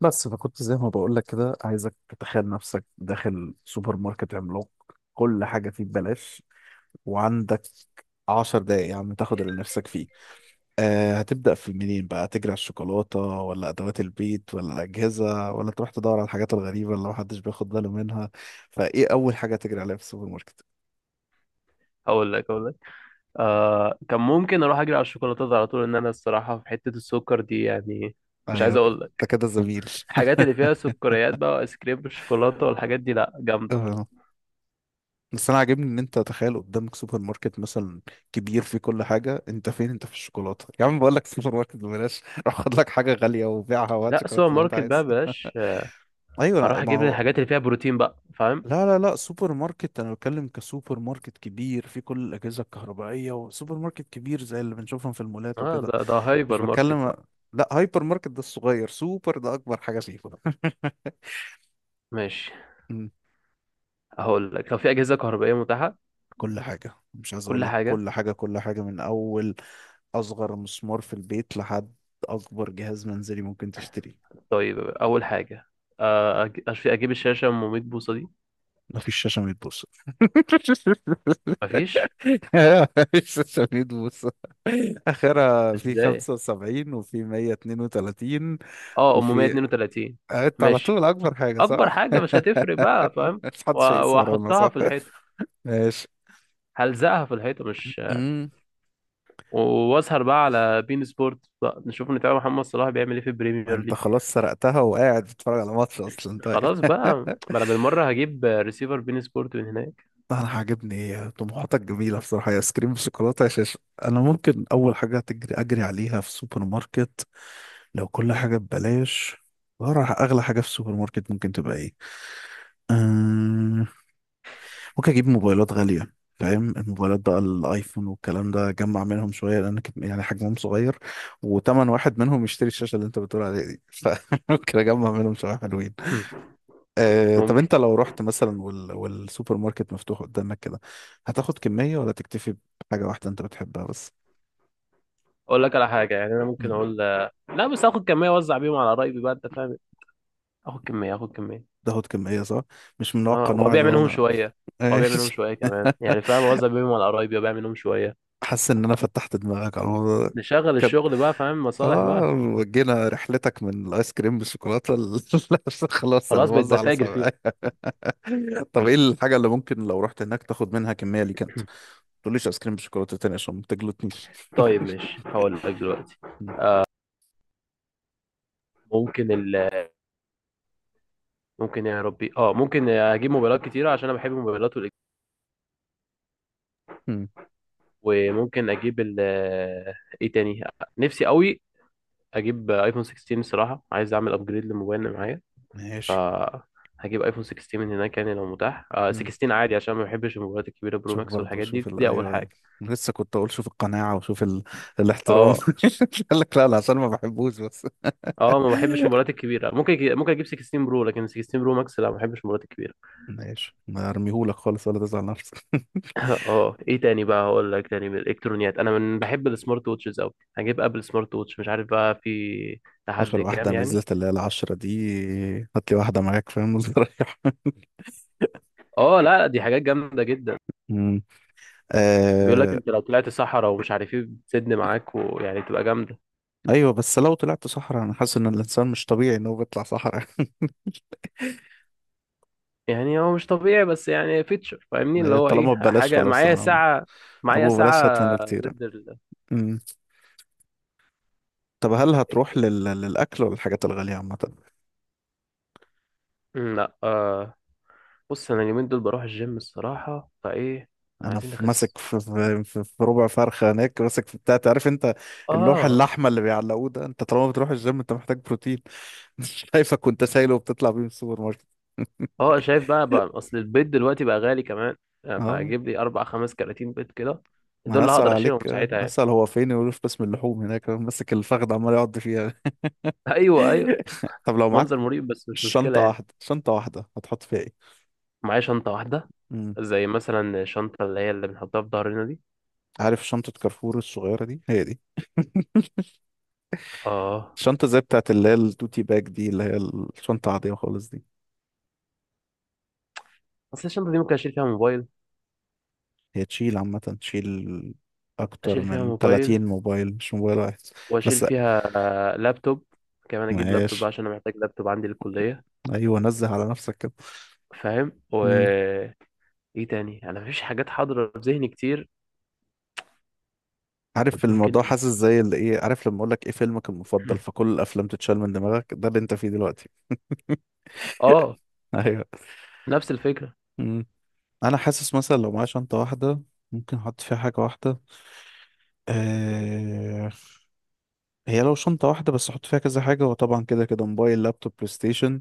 بس فكنت زي ما بقول لك كده، عايزك تتخيل نفسك داخل سوبر ماركت عملاق، كل حاجة فيه ببلاش. وعندك 10 دقايق يا عم تاخد اللي نفسك فيه. هتبدأ في منين بقى؟ تجري على الشوكولاتة ولا أدوات البيت ولا الأجهزة، ولا تروح تدور على الحاجات الغريبة اللي محدش بياخد باله منها؟ فإيه أول حاجة تجري عليها في السوبر ماركت؟ اقول لك آه، كان ممكن اروح اجري على الشوكولاتات على طول، ان انا الصراحه في حته السكر دي يعني. مش أيوة عايز كده. اقول أنت لك كده زميل. الحاجات اللي فيها سكريات بقى، وايس كريم بالشوكولاته والحاجات دي، لا جامده. آه. بس انا عاجبني ان انت تخيل قدامك سوبر ماركت مثلا كبير فيه كل حاجه، انت فين؟ انت في الشوكولاته؟ يا عم بقول لك السوبر ماركت ببلاش. روح خد لك حاجه غاليه وبيعها وهات لا، شوكولاته سوبر زي ما انت ماركت بقى عايز. بلاش، آه. ايوه هروح ما اجيب لي هو الحاجات اللي فيها بروتين بقى، فاهم. لا لا لا، سوبر ماركت انا بتكلم، كسوبر ماركت كبير فيه كل الاجهزه الكهربائيه، وسوبر ماركت كبير زي اللي بنشوفهم في المولات اه، وكده. ده مش هايبر ماركت بتكلم. بقى. لا، هايبر ماركت ده الصغير، سوبر ده اكبر حاجه فيه. ماشي. مم. هقول لك لو في اجهزه كهربائيه متاحه. كل حاجة، مش عايز اقول كل لك حاجه. كل حاجة من اول أصغر مسمار في البيت لحد أكبر جهاز منزلي ممكن تشتريه. طيب، اول حاجه، آه، اجيب الشاشه 100 بوصه دي. مفيش شاشة 100 بوصة. مفيش، مفيش شاشة 100 بوصة، آخرها في ازاي؟ 75 وفي 132. اه، وفي... 132. قعدت على ماشي. طول أكبر حاجة، اكبر صح؟ حاجه مش هتفرق بقى، فاهم. مش محدش هيقيس ورانا، واحطها صح؟ في الحيطه. ماشي. هلزقها في الحيطه، مش... امم. واسهر بقى على بين سبورت بقى، نشوف نتابع محمد صلاح بيعمل ايه في البريمير انت ليج. خلاص سرقتها وقاعد بتتفرج على ماتش اصلا، طيب. خلاص بقى. ما انا بالمره هجيب ريسيفر بين سبورت من هناك. لا، انا عاجبني طموحاتك جميله بصراحه، يا ايس كريم بالشوكولاته يا شاشه. انا ممكن اول حاجه تجري، اجري عليها في سوبر ماركت، لو كل حاجه ببلاش، أغلى أغلى حاجة في السوبر ماركت ممكن تبقى إيه؟ أمم، ممكن أجيب موبايلات غالية. فاهم؟ الموبايلات بقى، الآيفون والكلام ده، أجمع منهم شوية لأن يعني حجمهم صغير وتمن واحد منهم يشتري الشاشة اللي أنت بتقول عليها دي. فممكن أجمع منهم شوية حلوين. آه، طب ممكن. انت لو رحت مثلا والسوبر ماركت مفتوح قدامك كده، هتاخد كمية ولا تكتفي بحاجة واحدة انت بتحبها بس؟ اقول لك على حاجه، يعني انا ممكن مم. اقول لا، بس اخد كميه اوزع بيهم على قرايبي بقى، انت فاهم. اخد كميه. تاخد كمية، صح. مش من نوع اه، القنوع وابيع اللي هو منهم انا. شويه. وابيع منهم ماشي. شويه كمان، يعني فاهم، اوزع بيهم على قرايبي وابيع منهم شويه. حاسس ان انا فتحت دماغك على الموضوع ده نشغل كده. الشغل بقى، فاهم، مصالح اه، بقى. وجينا رحلتك من الايس كريم بالشوكولاته خلاص، انا خلاص بقيت بوزع على بتاجر صحابي. فيهم. طب ايه الحاجه اللي ممكن لو رحت هناك تاخد منها كميه ليك انت، ما تقوليش ايس كريم بالشوكولاته تاني عشان ما تجلطنيش. طيب، ماشي، هقول لك دلوقتي. مم. ممكن ال ممكن يا ربي. اه، ممكن اجيب موبايلات كتيره عشان انا بحب الموبايلات مم. وممكن اجيب ال ايه تاني. نفسي قوي اجيب ايفون 16، الصراحه عايز اعمل ابجريد للموبايل اللي معايا. ف ماشي. هجيب ايفون 16 من هناك، يعني لو متاح آه، 16 عادي، عشان ما بحبش الموبايلات الكبيره برو شوف ماكس برضه، والحاجات شوف دي. دي اول ايوه يعني، حاجه. لسه كنت اقول شوف القناعه وشوف الاحترام. اه. قال لك لا لا عشان ما بحبوش بس. اه، ما بحبش الموبايلات الكبيره. ممكن اجيب 16 برو، لكن 16 برو ماكس لا، ما بحبش الموبايلات الكبيره. ماشي، ما ارميهولك خالص ولا تزعل نفسك. اه. ايه تاني بقى، هقول لك تاني من الالكترونيات، انا من بحب السمارت ووتشز قوي. هجيب ابل سمارت ووتش، مش عارف بقى في لحد اخر كام واحده يعني. نزلت اللي هي العشرة دي، هات لي واحده معاك فاهم وتريح. اه، لا لا، دي حاجات جامده جدا. أمم. بيقول لك آه... انت لو طلعت صحراء ومش عارف ايه، بتسد معاك ويعني تبقى جامده. ايوه، بس لو طلعت صحراء انا حاسس ان الانسان مش طبيعي انه بيطلع صحراء. يعني هو مش طبيعي، بس يعني فيتشر فاهمني، اللي هي هو ايه، طالما ببلاش حاجه خلاص معايا ساعه معايا ابو بلاش هات منه ساعه كتير. ضد أمم. طب هل إيه هتروح تاني؟ للاكل ولا الحاجات الغاليه عامه؟ مم، لا، آه، بص انا اليومين دول بروح الجيم الصراحه، فايه انا عايزين في نخس. ماسك في ربع فرخه هناك، ماسك في بتاع عارف انت؟ اللوح اه. اللحمه اللي بيعلقوه ده، انت طالما بتروح الجيم انت محتاج بروتين. مش شايفك وانت شايله وبتطلع بيه من السوبر ماركت. اه، شايف بقى اصل البيض دلوقتي بقى غالي كمان، آه، اه فهجيب لي اربع خمس كراتين بيض كده. ما دول انا اللي اسال هقدر عليك، اشيلهم آه، ساعتها يعني. اسال هو فين، يقول في قسم اللحوم، هناك أنا ماسك الفخذ عمال يقعد فيها. ايوه، ايوه. طب لو معاك منظر مريب بس مش مشكله شنطه يعني. واحده، شنطه واحده، هتحط فيها ايه؟ معايا شنطه واحده، امم. زي مثلا الشنطه اللي هي اللي بنحطها في ظهرنا دي. عارف شنطه كارفور الصغيره دي؟ هي دي اه. الشنطه، زي بتاعت اللي هي التوتي باج دي، اللي هي الشنطه العاديه خالص دي. اصل الشنطه دي ممكن اشيل فيها موبايل. هي تشيل عامة، تشيل أكتر اشيل فيها من موبايل، 30 موبايل، مش موبايل واحد واشيل بس. فيها آه، لابتوب كمان. اجيب لابتوب بقى ماشي. عشان انا محتاج لابتوب عندي للكليه، أيوه، نزه على نفسك كده. فاهم. و... مم. ايه تاني، انا مفيش حاجات حاضره في ذهني كتير. عارف ممكن الموضوع ايه. حاسس زي اللي إيه، عارف لما أقول لك إيه فيلمك المفضل، فكل الأفلام تتشال من دماغك، ده اللي أنت فيه دلوقتي. اه، أيوه. نفس الفكره. مم. أنا حاسس مثلا لو معايا شنطة واحدة، ممكن أحط فيها حاجة واحدة. آه، هي لو شنطة واحدة بس أحط فيها كذا حاجة، وطبعا كده كده موبايل لابتوب بلاي ستيشن،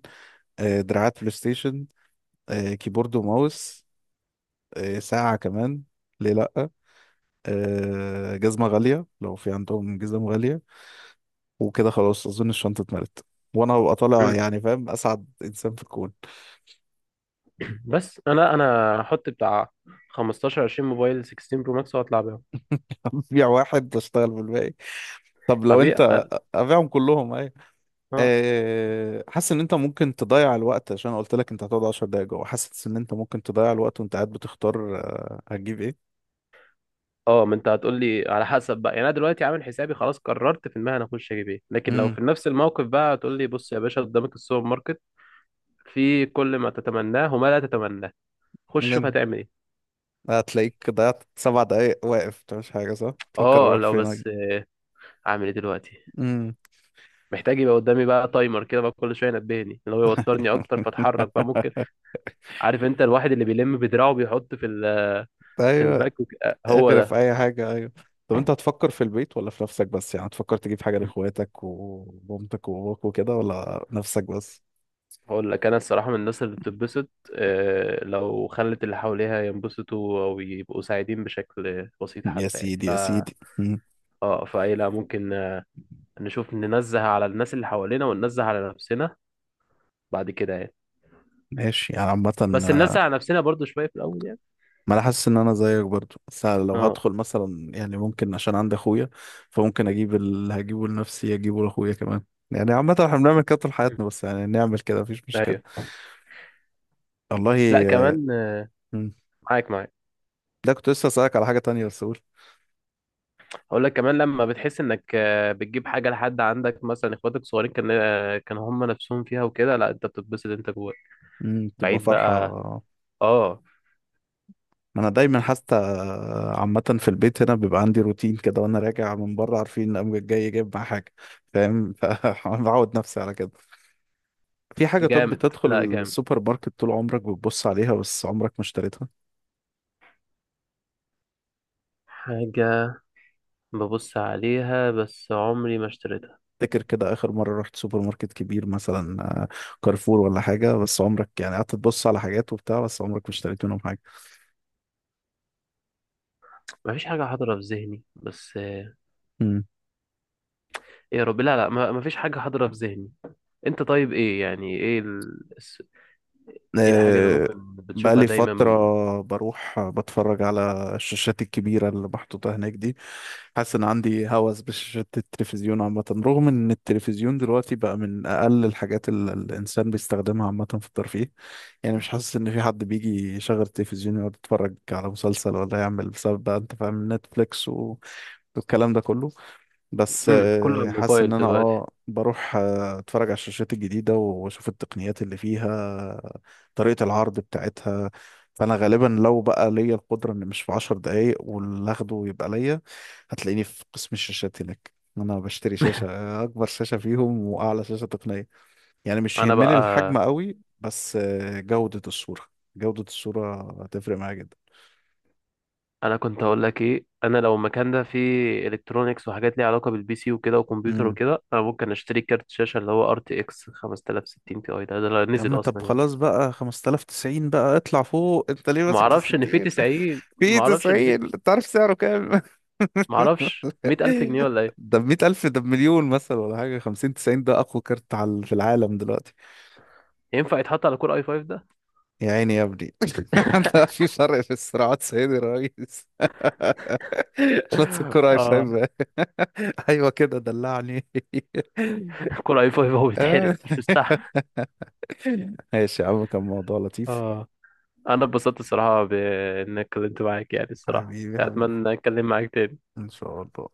آه، دراعات بلاي ستيشن، آه، كيبورد وماوس، آه، ساعة كمان، ليه لأ، آه، جزمة غالية لو في عندهم جزم غالية. وكده خلاص أظن الشنطة اتملت وأنا هبقى طالع، يعني فاهم، أسعد إنسان في الكون. بس انا هحط بتاع 15 20 موبايل 16 برو ماكس واطلع بيهم. أبيع واحد بشتغل بالباقي. طب لو هبيع. أنت أبيعهم كلهم أيوة. اه. آه، حاسس إن أنت ممكن تضيع الوقت، عشان أنا قلت لك أنت هتقعد 10 دقايق جوه، حاسس إن أنت ممكن تضيع الوقت وأنت قاعد بتختار، آه، هتجيب إيه؟ اه، ما انت هتقول لي على حسب بقى، يعني انا دلوقتي عامل حسابي خلاص، قررت في المهنه اخش اجيب ايه. لكن لو امم. في نفس الموقف بقى هتقول لي بص يا باشا، قدامك السوبر ماركت، في كل ما تتمناه وما لا تتمناه، خش شوف هتعمل ايه. هتلاقيك ضيعت 7 دقايق واقف مش حاجة، صح؟ تفكر اه، أروح لو فين. بس اعمل ايه دلوقتي، أجي. محتاج يبقى قدامي بقى تايمر كده بقى، كل شويه ينبهني، اللي هو يوترني اكتر فاتحرك بقى، ممكن. عارف انت الواحد اللي بيلم بدراعه بيحط في ايوه، الباك آه، هو اغرف اي حاجه، ايوه. طب انت هتفكر في البيت ولا في نفسك بس، يعني هتفكر تجيب حاجه ده. لاخواتك ومامتك وباباك وكده، ولا نفسك بس؟ هقول لك انا الصراحه من الناس اللي بتتبسط، آه، لو خلت اللي حواليها ينبسطوا او يبقوا سعيدين بشكل بسيط يا حتى، يعني سيدي ف يا سيدي، مم. اه فاي لا ممكن، آه، نشوف ننزه على الناس اللي حوالينا وننزه على نفسنا بعد كده يعني. ماشي يعني عامة. بس آه، ننزه على نفسنا برضو شويه في الاول يعني. ما انا حاسس ان انا زيك برضو، بس أنا لو اه. هدخل مثلا يعني ممكن عشان عندي اخويا، فممكن اجيب اللي هجيبه لنفسي اجيبه لاخويا كمان. يعني عامة احنا بنعمل كده طول حياتنا، بس يعني نعمل كده مفيش مشكلة. ايوه. والله لا آه. كمان، آه، مم. معاك معاك. ده كنت لسه اسألك على حاجة تانية، بس قول. اقول لك كمان لما بتحس انك آه، بتجيب حاجه لحد عندك مثلا اخواتك الصغيرين، كان آه، كان هم نفسهم فيها وكده، لا انت بتتبسط انت جواك مم، تبقى بعيد فرحة. بقى. اه. انا دايما حتى، عامة في البيت هنا بيبقى عندي روتين كده، وانا راجع من بره عارفين ان امي جاي جايب معاه حاجة. فاهم؟ فبعود نفسي على كده. في حاجة، طب جامد، بتدخل لا جامد. السوبر ماركت طول عمرك بتبص عليها بس عمرك ما اشتريتها؟ حاجه ببص عليها بس عمري ما اشتريتها. تفتكر كده اخر مرة رحت سوبر ماركت كبير مثلا، آه، كارفور ولا حاجة، بس عمرك يعني قعدت تبص على حاجات وبتاع، بس عمرك ما اشتريت منهم حاجة. مفيش حاجة حاضرة في ذهني، بس آه، مم. ايه يا رب، لا لا، مفيش حاجة حاضرة في ذهني. انت طيب، ايه يعني، ايه ايه الحاجة اللي آه، ممكن بتشوفها بقالي دايما. فترة بروح بتفرج على الشاشات الكبيرة اللي محطوطة هناك دي. حاسس إن عندي هوس بشاشات التلفزيون عامة، رغم إن التلفزيون دلوقتي بقى من أقل الحاجات اللي الإنسان بيستخدمها عامة في الترفيه. يعني مش حاسس إن في حد بيجي يشغل التلفزيون يقعد يتفرج على مسلسل ولا يعمل، بسبب بقى أنت فاهم نتفليكس والكلام ده كله. بس امم، كله على حاسس ان الموبايل انا دلوقتي. بروح اتفرج على الشاشات الجديدة واشوف التقنيات اللي فيها، طريقة العرض بتاعتها. فانا غالبا لو بقى ليا القدرة، ان مش في 10 دقايق واللي اخده يبقى ليا، هتلاقيني في قسم الشاشات هناك. انا بشتري شاشة، اكبر شاشة فيهم واعلى شاشة تقنية. يعني مش انا يهمني الحجم بقى. قوي، بس جودة الصورة. جودة الصورة هتفرق معايا جدا. انا كنت اقول لك ايه، انا لو المكان ده فيه الكترونيكس وحاجات ليها علاقة بالبي سي وكده وكمبيوتر امم وكده، انا ممكن اشتري كارت شاشة اللي هو ار تي اكس 5060 تي اي ده، لو يا نزل عم طب اصلا يعني. خلاص بقى 5090، بقى اطلع فوق، انت ليه ما ماسك في اعرفش ان فيه الستين؟ 90، في ما اعرفش ان فيه. 90، تعرف سعره كام؟ ما اعرفش، 100000 جنيه ولا إيه؟ ده بمية ألف؟ ده بمليون مثلا ولا حاجة. خمسين تسعين ده أقوى كارت على في العالم دلوقتي. ينفع يتحط على كور اي 5 ده؟ يا عيني يا ابني. ده في فرق في الصراعات، سيدي الرئيس. لا تذكر أي، اه، فاهم. أيوة كده، دلعني. كور اي 5 هو بيتحرق، آه. مش مستحمل. ماشي يا عم، كان موضوع لطيف. اه. انا اتبسطت الصراحه بان اتكلمت معاك يعني، الصراحه حبيبي حبيبي، اتمنى اتكلم معاك تاني. إن شاء الله.